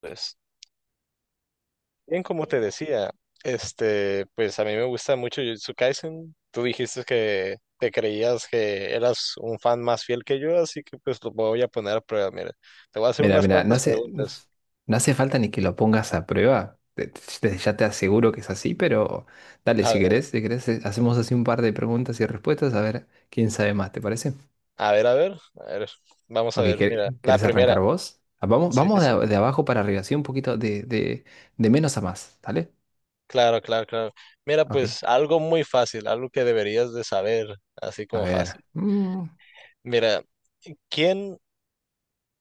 Pues, bien, como te decía, pues a mí me gusta mucho Jujutsu Kaisen. Tú dijiste que te creías que eras un fan más fiel que yo, así que pues lo voy a poner a prueba. Mira, te voy a hacer Mira, unas mira, cuantas preguntas. no hace falta ni que lo pongas a prueba. Ya te aseguro que es así, pero dale, A si ver, querés, si querés, hacemos así un par de preguntas y respuestas a ver quién sabe más, ¿te parece? a ver, a ver, a ver, vamos a Ok, ver, mira, la ¿querés primera. arrancar vos? Vamos, Sí, sí, sí. De abajo para arriba, así un poquito de menos a más, ¿dale? Claro, claro, claro. Mira, Ok, pues algo muy fácil, algo que deberías de saber, así a como ver. fácil. Mira, ¿quién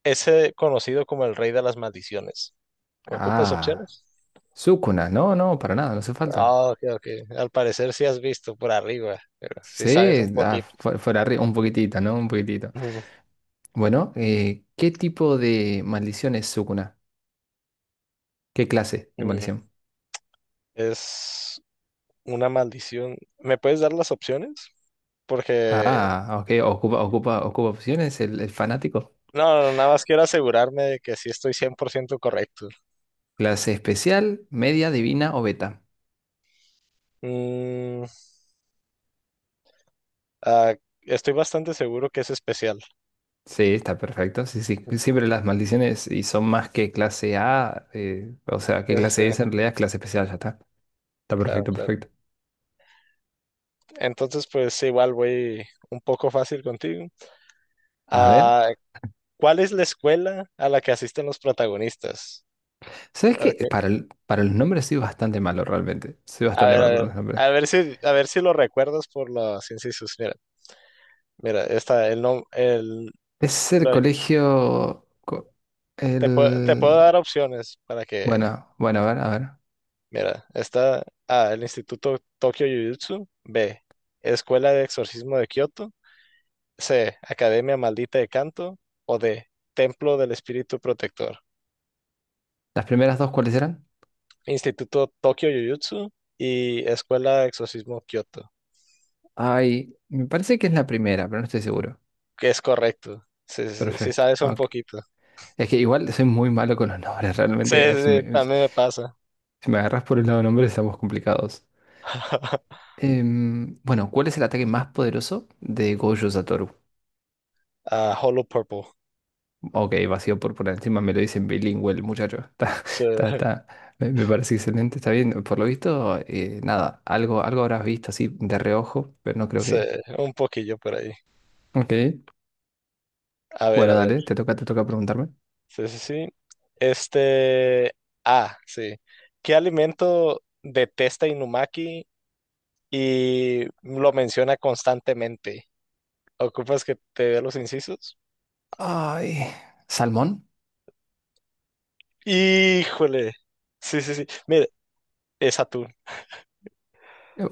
es conocido como el rey de las maldiciones? ¿Ocupas ah, opciones? Sukuna, no, no, para nada, no hace falta. Ah, ok, ok. Al parecer sí has visto por arriba, pero sí sabes Sí, un poquito. Fuera arriba, un poquitito, ¿no? Un poquitito. Ujú, Bueno, ¿qué tipo de maldición es Sukuna? ¿Qué clase de ujú. maldición? Es una maldición. ¿Me puedes dar las opciones? Porque, Ok, ocupa opciones el fanático. no, no, nada más quiero asegurarme de que sí estoy 100% correcto. Clase especial, media, divina o beta. Mm, ah, Estoy bastante seguro que es especial. Sí, está perfecto. Sí, sí. Siempre las maldiciones y son más que clase A, o sea, que Entonces, clase eh, S en realidad es clase especial, ya está. Está claro, perfecto, claro. perfecto. Entonces, pues igual voy un poco fácil contigo. A ver, Ah, ¿cuál es la escuela a la que asisten los protagonistas? ¿sabes Ok, qué? Para los nombres soy bastante malo realmente. Soy a bastante ver, a malo para ver, los nombres. A ver si lo recuerdas por los incisos. Mira, mira, está el no, el, Es el lo- colegio. Te puedo El. dar opciones para que, Bueno, bueno, a ver, a ver. mira, está A, el Instituto Tokyo Jujutsu, B, Escuela de Exorcismo de Kioto, C, Academia Maldita de Canto, o D, Templo del Espíritu Protector, ¿Las primeras dos cuáles eran? Instituto Tokyo Jujutsu y Escuela de Exorcismo Kioto, Ay, me parece que es la primera, pero no estoy seguro. que es correcto. Sí, sí, sí, sí Perfecto. sabes un Ok. poquito. Es que igual soy muy malo con los nombres, Sí, realmente. Sí, sí, también me pasa. Si me agarras por el lado de nombres, estamos complicados. Bueno, ¿cuál es el ataque más poderoso de Gojo Satoru? A Hollow Purple. Ok, vacío por encima, me lo dicen bilingüe el muchacho. Sí, está. Me parece excelente, está bien. Por lo visto, nada, algo, algo habrás visto así de reojo, pero no creo sí, que. un poquillo por ahí. Ok. A ver, a Bueno, ver. dale, te toca preguntarme. Sí, sí, sí. Este. Ah, sí. ¿Qué alimento detesta Inumaki y lo menciona constantemente? ¿Ocupas que te dé los incisos? Ay, ¿salmón? Híjole. Sí, sí, sí. Mire, es atún.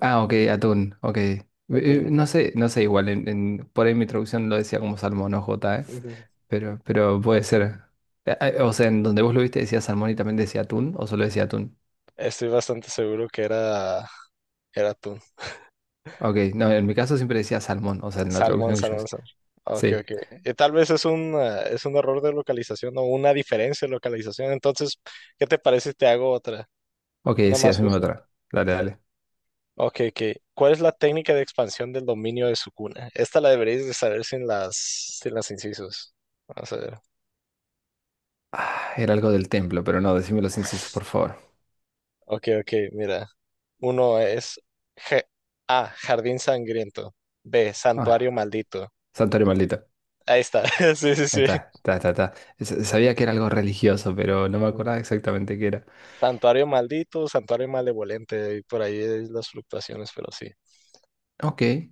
Ah, ok, atún, ok. Atún. No sé, no sé, por ahí mi traducción lo decía como salmón o jota, ¿eh? Ujú. Pero puede ser. O sea, en donde vos lo viste decía salmón y también decía atún, o solo decía atún. Estoy bastante seguro que era, era atún. Ok, no, en mi caso siempre decía salmón, o sea, en la Salmón, traducción que yo salmón, hice. salmón. Ok, Sí. ok. Tal vez es un error de localización o una diferencia de localización. Entonces, ¿qué te parece si te hago otra? Ok, Una sí, más haceme justa. otra. Dale, dale. Ok, ok. ¿Cuál es la técnica de expansión del dominio de su cuna? Esta la deberías de saber sin las incisos. Vamos a ver. Ah, era algo del templo, pero no, decime los incisos, por favor. Ok, ok, mira. Uno es G- A, jardín sangriento. B, santuario Ah, maldito. santuario maldito. Ahí está. Sí, sí, Ahí sí. está, está. S- Sabía que era algo religioso, pero no me acordaba exactamente qué era. Santuario maldito, santuario malevolente, y por ahí es las fluctuaciones, pero sí. Ok.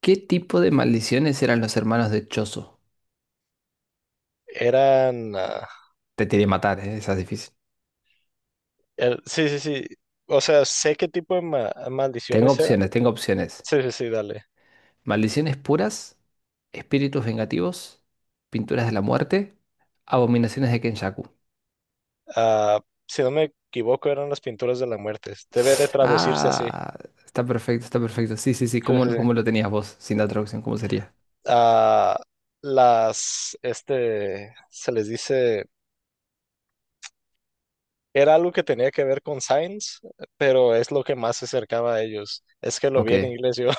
¿Qué tipo de maldiciones eran los hermanos de Chozo? Eran, ah, Te tiré matar, ¿eh? Esa es difícil. Sí, sí, sí. O sea, sé qué tipo de Tengo maldiciones eran. opciones, tengo opciones. Sí, sí, sí, dale. Maldiciones puras, espíritus vengativos, pinturas de la muerte, abominaciones de Kenjaku. Ah, si no me equivoco, eran las pinturas de la muerte. Debe de traducirse así. Ah, está perfecto, está perfecto. Sí, sí, sí. Sí, sí, ¿Cómo, sí. cómo lo tenías vos sin la traducción? ¿Cómo sería? Ah, se les dice, era algo que tenía que ver con Signs, pero es lo que más se acercaba a ellos. Es que lo Ok. vi en inglés yo.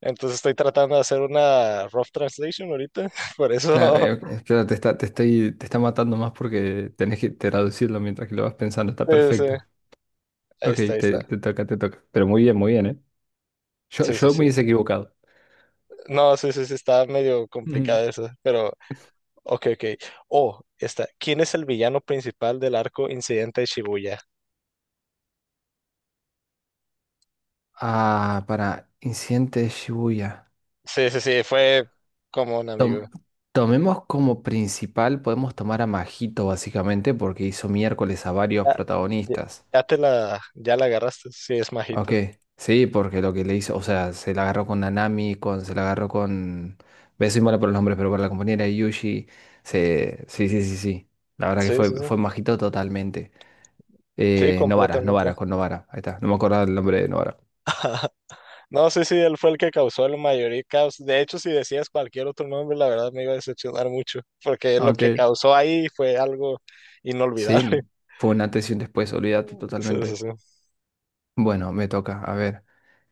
Entonces estoy tratando de hacer una rough translation ahorita, por Claro, eso, ok, claro, te está matando más porque tenés que traducirlo mientras que lo vas pensando. Está sí, sí, perfecto. ahí Ok, está, ahí está. Te toca, te toca. Pero muy bien, ¿eh? Yo, Sí, sí, yo me sí. hubiese equivocado. No, sí, sí, sí, está medio complicada eso, pero, ok, ok. Oh, está. ¿Quién es el villano principal del arco Incidente de Shibuya? Ah, para Incidente de Shibuya. Sí, sí, sí, fue como un amigo. Tom- Tomemos como principal, podemos tomar a Majito básicamente porque hizo miércoles a varios Ya, ya- protagonistas. ya te la, ya la agarraste, sí, es Ok, majito. sí, porque lo que le hizo, o sea, se la agarró con Nanami, con, se la agarró con... ve, soy malo por los nombres, pero por la compañera de Yuji. Se, sí, sí, sí, sí. La verdad que Sí, sí, sí, fue Majito totalmente. sí, Novara, Novara, completamente. con Novara. Ahí está, no me acordaba el nombre de Novara. No, sí, sí, él fue el que causó el mayor caos. De hecho, si decías cualquier otro nombre, la verdad me iba a decepcionar mucho, porque lo que Ok. causó ahí fue algo inolvidable. Sí, fue un antes y un después, olvídate Sí, sí, totalmente. sí. Bueno, me toca. A ver.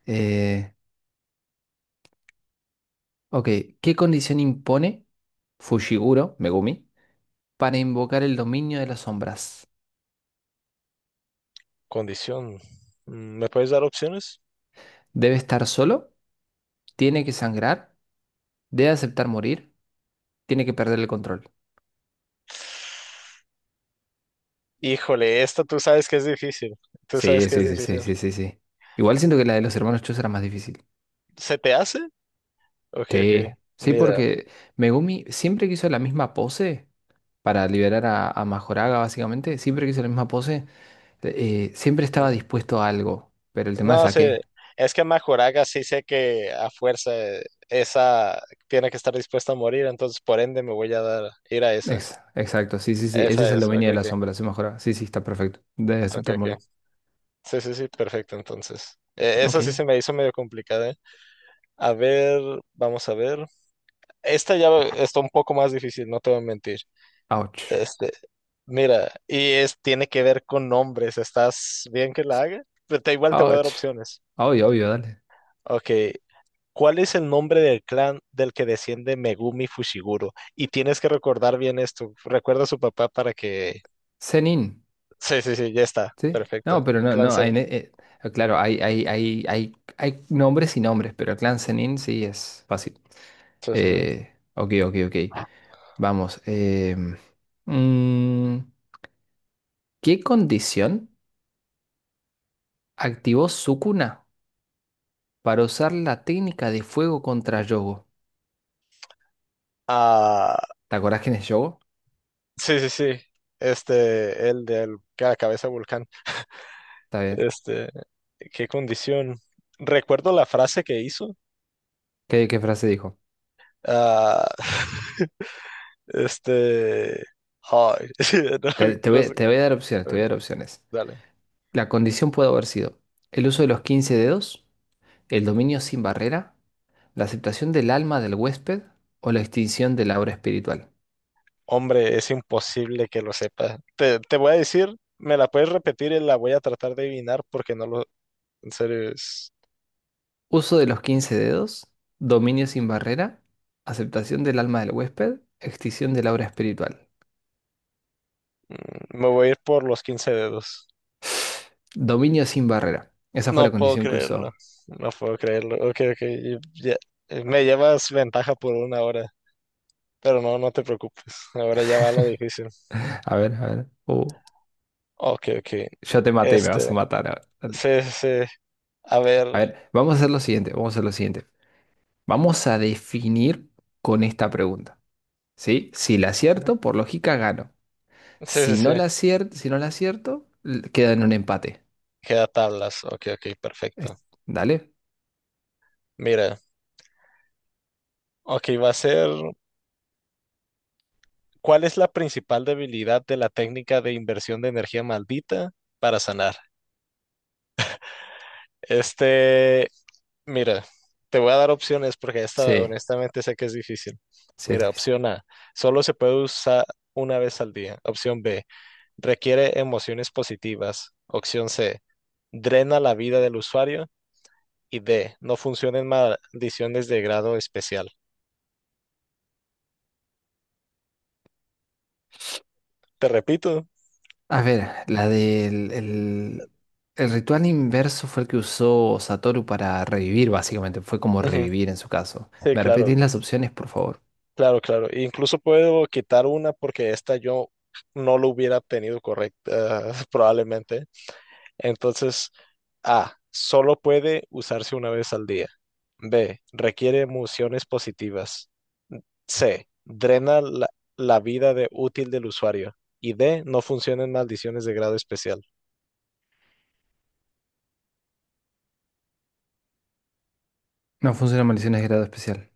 eh, ok, ¿Qué condición impone Fushiguro, Megumi, para invocar el dominio de las sombras? Condición. ¿Me puedes dar opciones? ¿Debe estar solo? ¿Tiene que sangrar? ¿Debe aceptar morir? ¿Tiene que perder el control? Híjole, esta tú sabes que es difícil. Tú sabes Sí, que es sí, sí, sí, difícil. sí, sí, sí. Igual siento que la de los hermanos Chus era más difícil. ¿Se te hace? Ok, ok. Sí. Sí, Mira. porque Megumi siempre que hizo la misma pose para liberar a Majoraga, básicamente. Siempre que hizo la misma pose, siempre estaba mm, dispuesto a algo. Pero el tema es No, a sé, qué. es que Majoraga sí sé que a fuerza esa tiene que estar dispuesta a morir, entonces por ende me voy a ir a esa. Exacto, sí, sí, sí. Ese Esa es el es, ok, dominio de la ok. sombra, se mejora. Sí, sí, está perfecto. Debe Ok, aceptar ok. morir. Sí, sí, sí, perfecto, entonces. Ok. Esa sí se me hizo medio complicada, ¿eh? A ver, vamos a ver. Esta ya está un poco más difícil, no te voy a mentir. Ouch. Este, mira, y es, tiene que ver con nombres. ¿Estás bien que la haga? Igual te voy a dar Ouch. opciones. Obvio, obvio, dale. Ok. ¿Cuál es el nombre del clan del que desciende Megumi Fushiguro? Y tienes que recordar bien esto. Recuerda a su papá para que... Zenin, Sí, sí, sí, ya está. ¿sí? Perfecto. No, pero no, Clan no. sen. Claro, hay nombres y nombres, pero el clan Zenin sí es fácil. Sí, sí, sí. Ok, ok, ok. Vamos. Mm, ¿Qué condición activó Sukuna para usar la técnica de fuego contra Yogo? Ah, ¿Te acordás quién es Yogo? sí, sí, sí. Este, el del que la cabeza de volcán. Está bien. Este, qué condición. Recuerdo la frase que hizo. ¿Qué, qué frase dijo? Ah, este, ay, no, no sé. Te voy a dar opciones, te voy Bueno, a dar opciones. dale. La condición puede haber sido el uso de los 15 dedos, el dominio sin barrera, la aceptación del alma del huésped o la extinción de la obra espiritual. Hombre, es imposible que lo sepa. Te voy a decir, me la puedes repetir y la voy a tratar de adivinar porque no lo, en serio, es- Uso de los 15 dedos, dominio sin barrera, aceptación del alma del huésped, extinción de la obra espiritual. mm, me voy a ir por los 15 dedos. Dominio sin barrera. Esa fue No la puedo condición que creerlo, usó. no puedo creerlo. Ok, ok, y ya, me llevas ventaja por 1 hora. Pero no, no te preocupes. Ahora ya va lo difícil. A ver, a ver. Ok, ok. Yo te maté y me Este, vas a matar. A ver, sí, sí. Sí. A a ver. ver, vamos a hacer lo siguiente. Vamos a definir con esta pregunta, ¿sí? Si la Ujú. acierto, por lógica gano. Sí, sí, sí. Si no la acierto, l- queda en un empate. Queda tablas. Ok, ok, Es- perfecto. ¿Dale? Mira, ok, va a ser. ¿Cuál es la principal debilidad de la técnica de inversión de energía maldita para sanar? Este, mira, te voy a dar opciones porque esta Sí, honestamente sé que es difícil. sí, es Mira, difícil. opción A, solo se puede usar una vez al día. Opción B. Requiere emociones positivas. Opción C. Drena la vida del usuario. Y D. No funciona en maldiciones de grado especial. Te repito. A ver, el ritual inverso fue el que usó Satoru para revivir, básicamente. Fue como Ujú, revivir en su caso. sí, ¿Me claro, repetís las opciones, por favor? claro, claro. Incluso puedo quitar una porque esta yo no lo hubiera obtenido correcta, probablemente. Entonces, A. Solo puede usarse una vez al día. B. Requiere emociones positivas. C. La vida de útil del usuario. Y D. No funcionan maldiciones de grado especial. No funciona maldiciones de grado especial.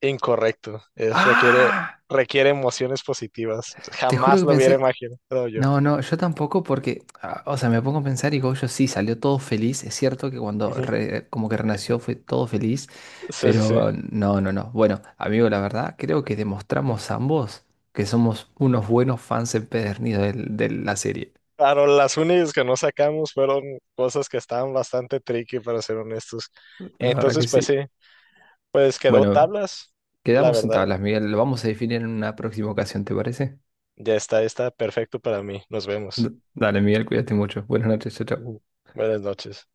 Incorrecto. ¡Ah! Requiere emociones positivas. Te juro Jamás que lo hubiera pensé. imaginado yo. No, no, yo tampoco porque, ah, o sea, me pongo a pensar y Gojo sí salió todo feliz. Es cierto que cuando Ujú. Como que renació fue todo feliz, Sí, sí, sí. pero no, no, no. Bueno, amigo, la verdad, creo que demostramos ambos que somos unos buenos fans empedernidos de la serie. Claro, las únicas que no sacamos fueron cosas que estaban bastante tricky, para ser honestos. La verdad que Entonces, pues sí. sí, pues quedó Bueno, tablas. La quedamos en verdad, tablas, Miguel. Lo vamos a definir en una próxima ocasión, ¿te parece? ya está, está perfecto para mí. Nos vemos. D- dale, Miguel, cuídate mucho. Buenas noches, chao, chao. Ujú. Buenas noches.